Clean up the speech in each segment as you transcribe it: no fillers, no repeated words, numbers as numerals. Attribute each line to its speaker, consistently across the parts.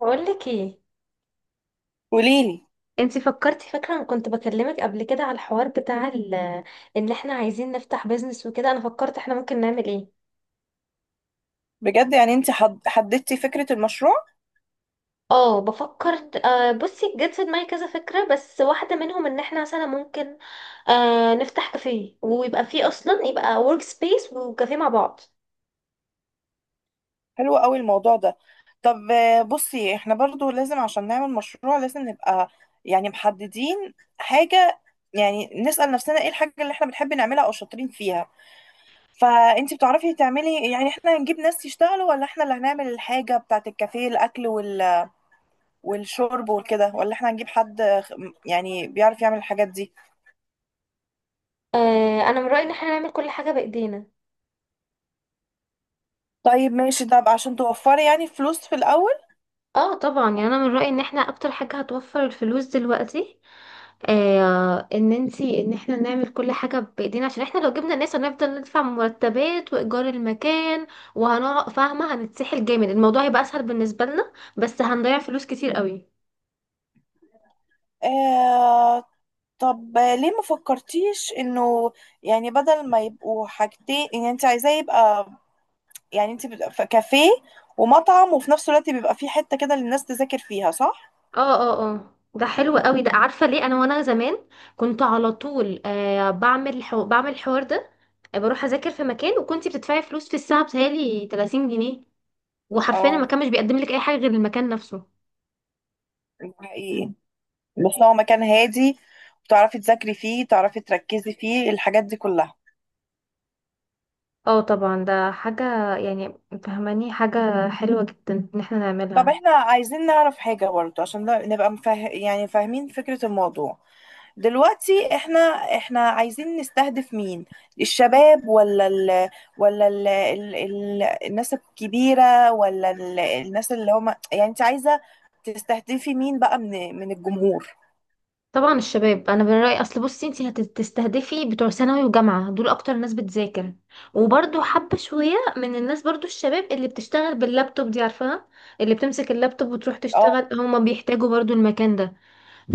Speaker 1: بقول لك ايه؟
Speaker 2: قوليلي
Speaker 1: انتي فكرتي، فاكره انا كنت بكلمك قبل كده على الحوار بتاع ان احنا عايزين نفتح بيزنس وكده. انا فكرت احنا ممكن نعمل ايه.
Speaker 2: بجد. يعني انت حددتي فكرة المشروع؟
Speaker 1: اه، بفكر. بصي، جت في دماغي كذا فكره، بس واحده منهم ان احنا مثلا ممكن نفتح كافيه، ويبقى فيه اصلا، يبقى ورك سبيس وكافيه مع بعض.
Speaker 2: حلو قوي الموضوع ده. طب، بصي، احنا برضو لازم عشان نعمل مشروع لازم نبقى يعني محددين حاجة. يعني نسأل نفسنا ايه الحاجة اللي احنا بنحب نعملها او شاطرين فيها، فانت بتعرفي تعملي؟ يعني احنا هنجيب ناس يشتغلوا، ولا احنا اللي هنعمل الحاجة بتاعت الكافيه، الاكل والشرب وكده، ولا احنا هنجيب حد يعني بيعرف يعمل الحاجات دي؟
Speaker 1: انا من رايي ان احنا نعمل كل حاجه بايدينا.
Speaker 2: طيب ماشي، ده بقى عشان توفري يعني فلوس في الاول.
Speaker 1: اه طبعا، يعني انا من رايي ان احنا اكتر حاجه هتوفر الفلوس دلوقتي، ان احنا نعمل كل حاجة بايدينا، عشان احنا لو جبنا ناس هنفضل ندفع مرتبات وايجار المكان، وهنقعد فاهمة، هنتسحل جامد. الموضوع هيبقى اسهل بالنسبة لنا، بس هنضيع فلوس كتير قوي.
Speaker 2: آه. طب ليه ما فكرتيش انه يعني بدل ما يبقوا حاجتين، ان انت عايزاه يبقى يعني انت كافيه ومطعم، وفي نفس الوقت بيبقى فيه حتة كده للناس تذاكر فيها، صح؟
Speaker 1: اه، اه، اه، ده حلو قوي ده. عارفة ليه؟ انا وانا زمان كنت على طول بعمل بعمل الحوار ده. بروح اذاكر في مكان، وكنتي بتدفعي فلوس في الساعة، بتهيألي 30 جنيه. وحرفيا
Speaker 2: اه،
Speaker 1: المكان مش بيقدم لك اي حاجة غير المكان نفسه.
Speaker 2: ده حقيقي. بس هو مكان هادي، وتعرفي تذاكري فيه، تعرفي تركزي فيه الحاجات دي كلها.
Speaker 1: اه طبعا، ده حاجة يعني فهماني حاجة حلوة جدا ان احنا
Speaker 2: طب
Speaker 1: نعملها.
Speaker 2: احنا عايزين نعرف حاجة برضه عشان نبقى يعني فاهمين فكرة الموضوع. دلوقتي احنا عايزين نستهدف مين؟ الشباب، ولا الناس الكبيرة، ولا الناس اللي هم؟ يعني انت عايزة تستهدفي مين بقى، من الجمهور؟
Speaker 1: طبعا الشباب، انا من رأيي، اصل بصي انتي هتستهدفي بتوع ثانوي وجامعة، دول اكتر ناس بتذاكر. وبرضو حبة شوية من الناس، برضو الشباب اللي بتشتغل باللابتوب دي، عارفاها، اللي بتمسك اللابتوب وتروح
Speaker 2: اه.
Speaker 1: تشتغل، هما بيحتاجوا برضو المكان ده.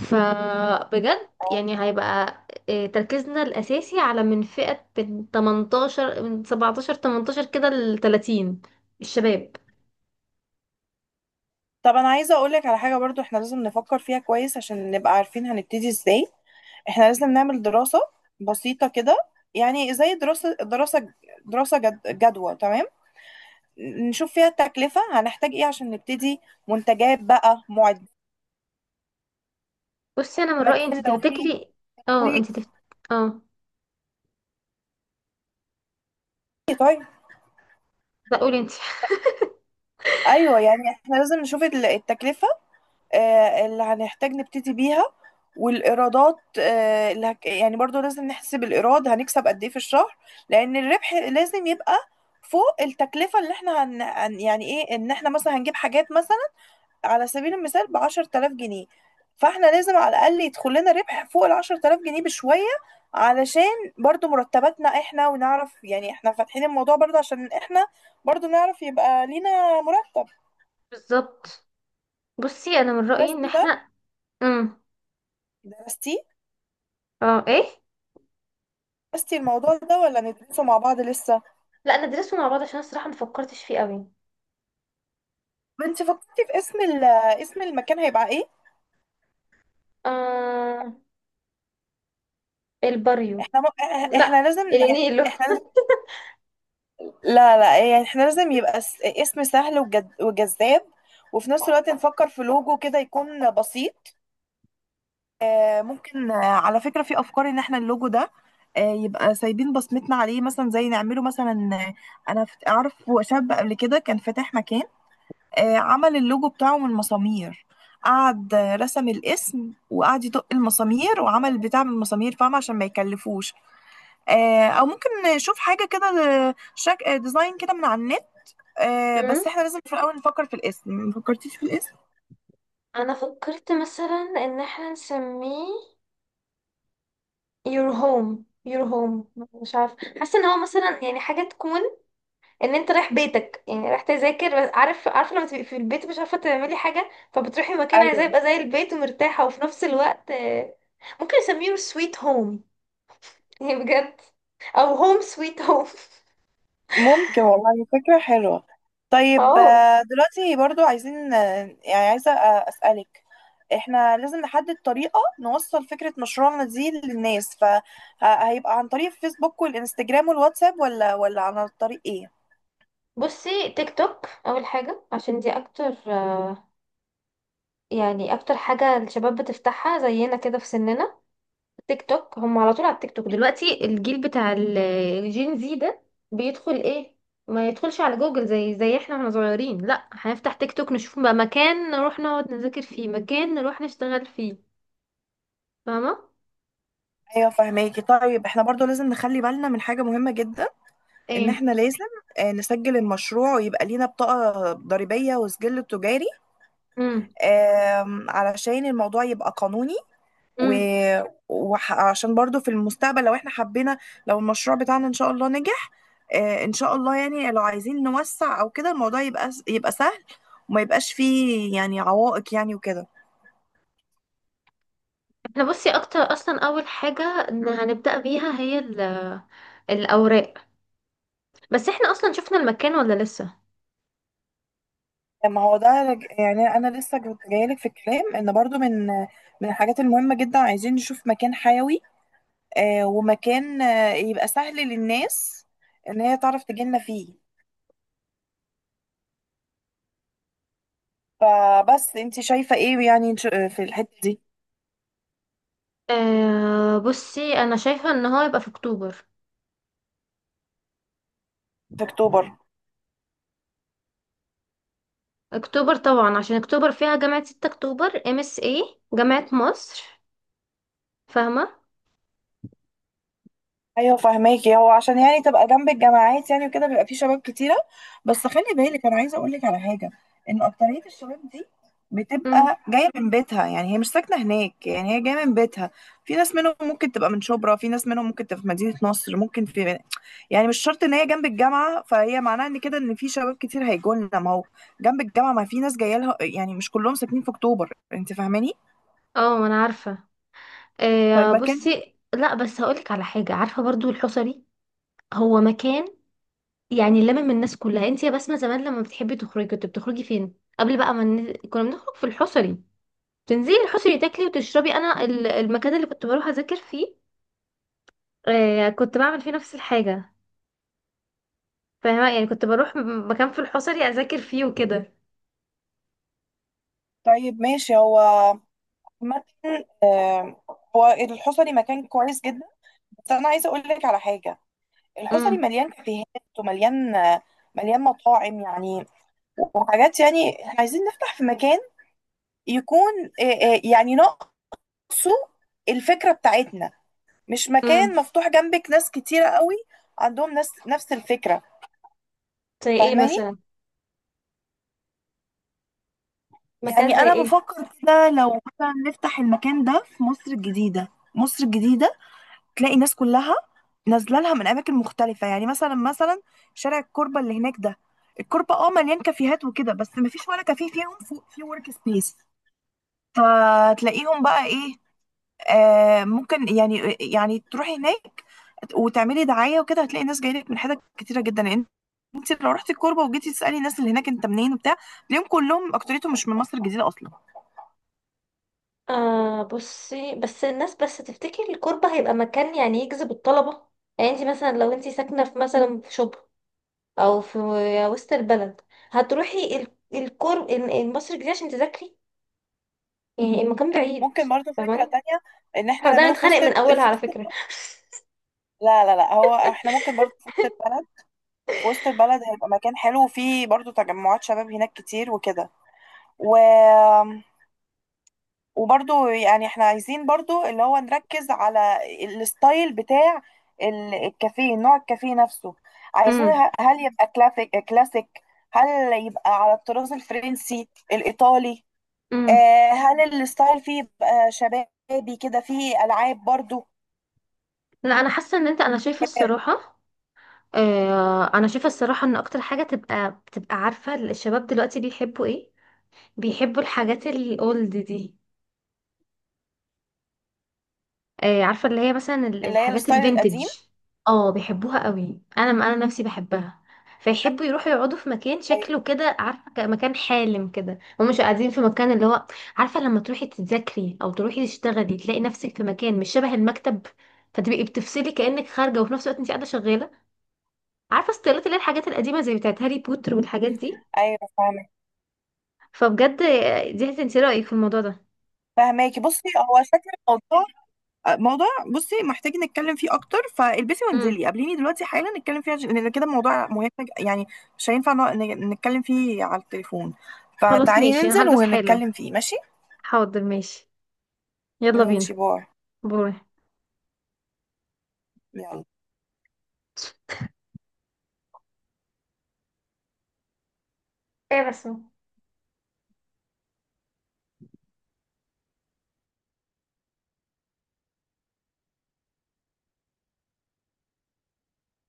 Speaker 1: فبجد يعني هيبقى تركيزنا الاساسي على فئة من 18، من 17 18 كده، ل 30، الشباب.
Speaker 2: طب انا عايزه اقولك على حاجه، برضو احنا لازم نفكر فيها كويس عشان نبقى عارفين هنبتدي ازاي. احنا لازم نعمل دراسه بسيطه كده، يعني زي دراسه جدوى، تمام؟ نشوف فيها التكلفه، هنحتاج ايه عشان نبتدي، منتجات بقى، معدات،
Speaker 1: بصي انا من رايي انت
Speaker 2: لو في.
Speaker 1: تفتكري. اه
Speaker 2: و-
Speaker 1: انت تفت... اه
Speaker 2: طيب.
Speaker 1: لا، قولي انت.
Speaker 2: ايوه، يعني احنا لازم نشوف التكلفه، اللي هنحتاج نبتدي بيها، والإيرادات. يعني برضو لازم نحسب الإيراد، هنكسب قد إيه في الشهر، لأن الربح لازم يبقى فوق التكلفة اللي احنا يعني ايه، ان احنا مثلا هنجيب حاجات، مثلا على سبيل المثال بـ10 تلاف جنيه، فاحنا لازم على الأقل يدخل لنا ربح فوق الـ10 تلاف جنيه بشوية، علشان برضو مرتباتنا احنا، ونعرف يعني احنا فاتحين الموضوع برضو عشان احنا برضو نعرف يبقى لينا مرتب.
Speaker 1: بالظبط. بصي انا من رايي ان
Speaker 2: درستي ده؟
Speaker 1: احنا، امم
Speaker 2: درستي؟
Speaker 1: اه ايه،
Speaker 2: درستي الموضوع ده ولا ندرسه مع بعض لسه؟
Speaker 1: لا، ندرسه مع بعض، عشان أنا الصراحه ما فكرتش فيه قوي.
Speaker 2: انت فكرتي في اسم المكان هيبقى ايه؟
Speaker 1: آه... الباريو.
Speaker 2: احنا
Speaker 1: لا،
Speaker 2: احنا لازم يعني
Speaker 1: النيلو.
Speaker 2: احنا لازم. لا، لا، يعني احنا لازم يبقى اسم سهل وجذاب، وفي نفس الوقت نفكر في لوجو كده يكون بسيط. ممكن، على فكرة، في افكار ان احنا اللوجو ده يبقى سايبين بصمتنا عليه، مثلا زي نعمله مثلا. اعرف شاب قبل كده كان فاتح مكان، عمل اللوجو بتاعه من مسامير، قعد رسم الاسم وقعد يدق المسامير وعمل البتاع من المسامير، فاهمة؟ عشان ما يكلفوش. او ممكن نشوف حاجة كده، آه، شك... آه، ديزاين كده من على النت.
Speaker 1: امم
Speaker 2: بس احنا لازم في الاول نفكر في الاسم، ما فكرتيش في الاسم؟
Speaker 1: انا فكرت مثلا ان احنا نسميه your home. Your home. مش عارفه، حاسه ان هو مثلا يعني حاجه تكون ان انت رايح بيتك، يعني رايح تذاكر بس. عارفه، لما تبقي في البيت مش عارفه تعملي حاجه، فبتروحي مكان عايزاه
Speaker 2: ايوه،
Speaker 1: يبقى زي البيت ومرتاحه، وفي نفس الوقت ممكن يسميه سويت هوم. يعني بجد، او هوم سويت هوم.
Speaker 2: ممكن والله، فكرة حلوة. طيب،
Speaker 1: اه
Speaker 2: دلوقتي برضو عايزين، عايزة أسألك، احنا لازم نحدد طريقة نوصل فكرة مشروعنا دي للناس، فهيبقى عن طريق الفيسبوك والإنستجرام والواتساب، ولا عن طريق ايه؟
Speaker 1: بصي، تيك توك اول حاجه، عشان دي اكتر يعني اكتر حاجه الشباب بتفتحها زينا كده في سننا. تيك توك، هم على طول على التيك توك دلوقتي. الجيل بتاع الجين زي ده بيدخل ايه؟ ما يدخلش على جوجل زي احنا واحنا صغيرين. لا، هنفتح تيك توك نشوف بقى مكان نروح نقعد نذاكر فيه، مكان نروح نشتغل فيه، فاهمة؟
Speaker 2: ايوه، فهماكي. طيب احنا برضو لازم نخلي بالنا من حاجة مهمة جدا، ان
Speaker 1: ايه.
Speaker 2: احنا لازم نسجل المشروع ويبقى لينا بطاقة ضريبية وسجل تجاري،
Speaker 1: امم.
Speaker 2: علشان الموضوع يبقى قانوني. و...
Speaker 1: امم.
Speaker 2: وعشان برضو في المستقبل، لو احنا حبينا، لو المشروع بتاعنا ان شاء الله نجح، ان شاء الله، يعني لو عايزين نوسع او كده الموضوع يبقى سهل، وما يبقاش فيه يعني عوائق، يعني وكده.
Speaker 1: احنا بصي، اكتر اصلا اول حاجة إن هنبدأ بيها هي الاوراق. بس احنا اصلا شفنا المكان ولا لسه؟
Speaker 2: ما هو ده يعني انا لسه جايلك في الكلام، ان برضو من الحاجات المهمة جدا عايزين نشوف مكان حيوي، ومكان يبقى سهل للناس ان هي تعرف تجيلنا فيه. فبس انت شايفة ايه، يعني في الحتة دي؟
Speaker 1: آه بصي، انا شايفة ان هو يبقى في اكتوبر.
Speaker 2: في اكتوبر؟
Speaker 1: اكتوبر طبعا، عشان اكتوبر فيها جامعة 6 اكتوبر، MSA، جامعة مصر، فاهمة؟
Speaker 2: ايوه، فهماكي، هو عشان يعني تبقى جنب الجامعات يعني وكده، بيبقى فيه شباب كتيره. بس خلي بالك، انا عايزه اقول لك على حاجه، ان اكتريه الشباب دي
Speaker 1: امم.
Speaker 2: بتبقى جايه من بيتها، يعني هي مش ساكنه هناك، يعني هي جايه من بيتها. في ناس منهم ممكن تبقى من شبرا، في ناس منهم ممكن تبقى في مدينه نصر، ممكن في، يعني مش شرط ان هي جنب الجامعه. فهي معناها ان كده ان في شباب كتير هيجوا لنا، ما هو جنب الجامعه، ما في ناس جايه لها، يعني مش كلهم ساكنين في اكتوبر، انت فاهماني؟
Speaker 1: اه، ما انا عارفة. آه
Speaker 2: فالمكان،
Speaker 1: بصي، لا بس هقولك على حاجة، عارفة برضو الحصري. هو مكان يعني لمم الناس كلها. انت يا بسمة زمان لما بتحبي تخرجي كنت بتخرجي فين؟ قبل بقى، ما كنا بنخرج في الحصري، تنزلي الحصري تاكلي وتشربي. انا المكان اللي كنت بروح اذاكر فيه، آه، كنت بعمل فيه نفس الحاجة، فاهمة؟ يعني كنت بروح مكان في الحصري اذاكر فيه وكده.
Speaker 2: طيب ماشي. هو عامة، آه، هو الحصري مكان كويس جدا، بس انا عايزه اقول لك على حاجه: الحصري
Speaker 1: امم.
Speaker 2: مليان كافيهات، ومليان آه، مليان مطاعم يعني وحاجات، يعني إحنا عايزين نفتح في مكان يكون، آه، يعني ناقصه الفكره بتاعتنا، مش مكان
Speaker 1: امم.
Speaker 2: مفتوح جنبك ناس كتيره قوي عندهم ناس نفس الفكره،
Speaker 1: زي ايه
Speaker 2: فاهماني؟
Speaker 1: مثلا؟ مكان
Speaker 2: يعني
Speaker 1: زي
Speaker 2: انا
Speaker 1: ايه؟
Speaker 2: بفكر كده، لو مثلا نفتح المكان ده في مصر الجديده. مصر الجديده تلاقي الناس كلها نازله لها من اماكن مختلفه، يعني مثلا شارع الكوربه اللي هناك ده. الكوربه اه مليان كافيهات وكده، بس ما فيش ولا كافيه فيهم فوق في ورك سبيس. فتلاقيهم بقى ايه، ممكن يعني تروحي هناك وتعملي دعايه وكده، هتلاقي ناس جايه لك من حتت كتيره جدا، لان انت لو رحتي الكوربه وجيتي تسالي الناس اللي هناك انت منين وبتاع، تلاقيهم كلهم اكتريتهم مش من مصر الجديده اصلا.
Speaker 1: آه بصي، بس الناس، بس تفتكر الكوربة هيبقى مكان يعني يجذب الطلبة؟ يعني انت مثلا، لو انت ساكنة في مثلا في شبرا، او في وسط البلد، هتروحي مصر الجديدة عشان تذاكري؟ يعني المكان بعيد،
Speaker 2: ممكن برضو فكرة
Speaker 1: فاهماني؟
Speaker 2: تانية، ان احنا
Speaker 1: احنا بدأنا
Speaker 2: نعمله في
Speaker 1: نتخانق من اولها على فكرة.
Speaker 2: وسط. لا، لا، لا، هو احنا ممكن برضو في وسط البلد هيبقى مكان حلو، وفيه برضو تجمعات شباب هناك كتير وكده. و... وبرضو يعني احنا عايزين برضو اللي هو نركز على الستايل بتاع الكافيه، نوع الكافيه نفسه. عايزين،
Speaker 1: امم.
Speaker 2: هل يبقى كلاسيك كلاسيك؟ هل يبقى على الطراز الفرنسي الايطالي؟
Speaker 1: امم.
Speaker 2: هل الستايل فيه يبقى شبابي كده، فيه العاب برضو؟
Speaker 1: لا، انا حاسه ان انت، انا شايفه الصراحه ان اكتر حاجه، بتبقى عارفه الشباب دلوقتي بيحبوا ايه، بيحبوا الحاجات الاولد دي. عارفة اللي هي مثلا
Speaker 2: اللي هي
Speaker 1: الحاجات
Speaker 2: الستايل
Speaker 1: الفينتج،
Speaker 2: القديم.
Speaker 1: اه بيحبوها قوي. انا نفسي بحبها. فيحبوا يروحوا يقعدوا في مكان
Speaker 2: أي-
Speaker 1: شكله كده، عارفة، مكان حالم كده، ومش قاعدين في مكان اللي هو، عارفة، لما تروحي تذاكري او تروحي تشتغلي تلاقي نفسك في مكان مش شبه المكتب، فتبقي بتفصلي كأنك خارجة، وفي نفس الوقت انت قاعدة شغالة. عارفة ستايلات، اللي هي الحاجات القديمة زي بتاعت هاري بوتر والحاجات دي.
Speaker 2: ايوه، فاهمك،
Speaker 1: فبجد دي هتنسي رأيك في الموضوع ده.
Speaker 2: فاهماكي. بصي هو شكل الموضوع موضوع، بصي محتاج نتكلم فيه اكتر، فالبسي
Speaker 1: امم.
Speaker 2: وانزلي قابليني دلوقتي حالا نتكلم فيه، لان كده الموضوع مهم يعني مش هينفع نتكلم فيه على التليفون،
Speaker 1: خلاص
Speaker 2: فتعالي
Speaker 1: ماشي، انا
Speaker 2: ننزل
Speaker 1: هلبس حالا.
Speaker 2: ونتكلم فيه، ماشي؟
Speaker 1: حاضر، ماشي. يلا بينا.
Speaker 2: ماشي، باي.
Speaker 1: باي.
Speaker 2: يلا.
Speaker 1: ايه بس.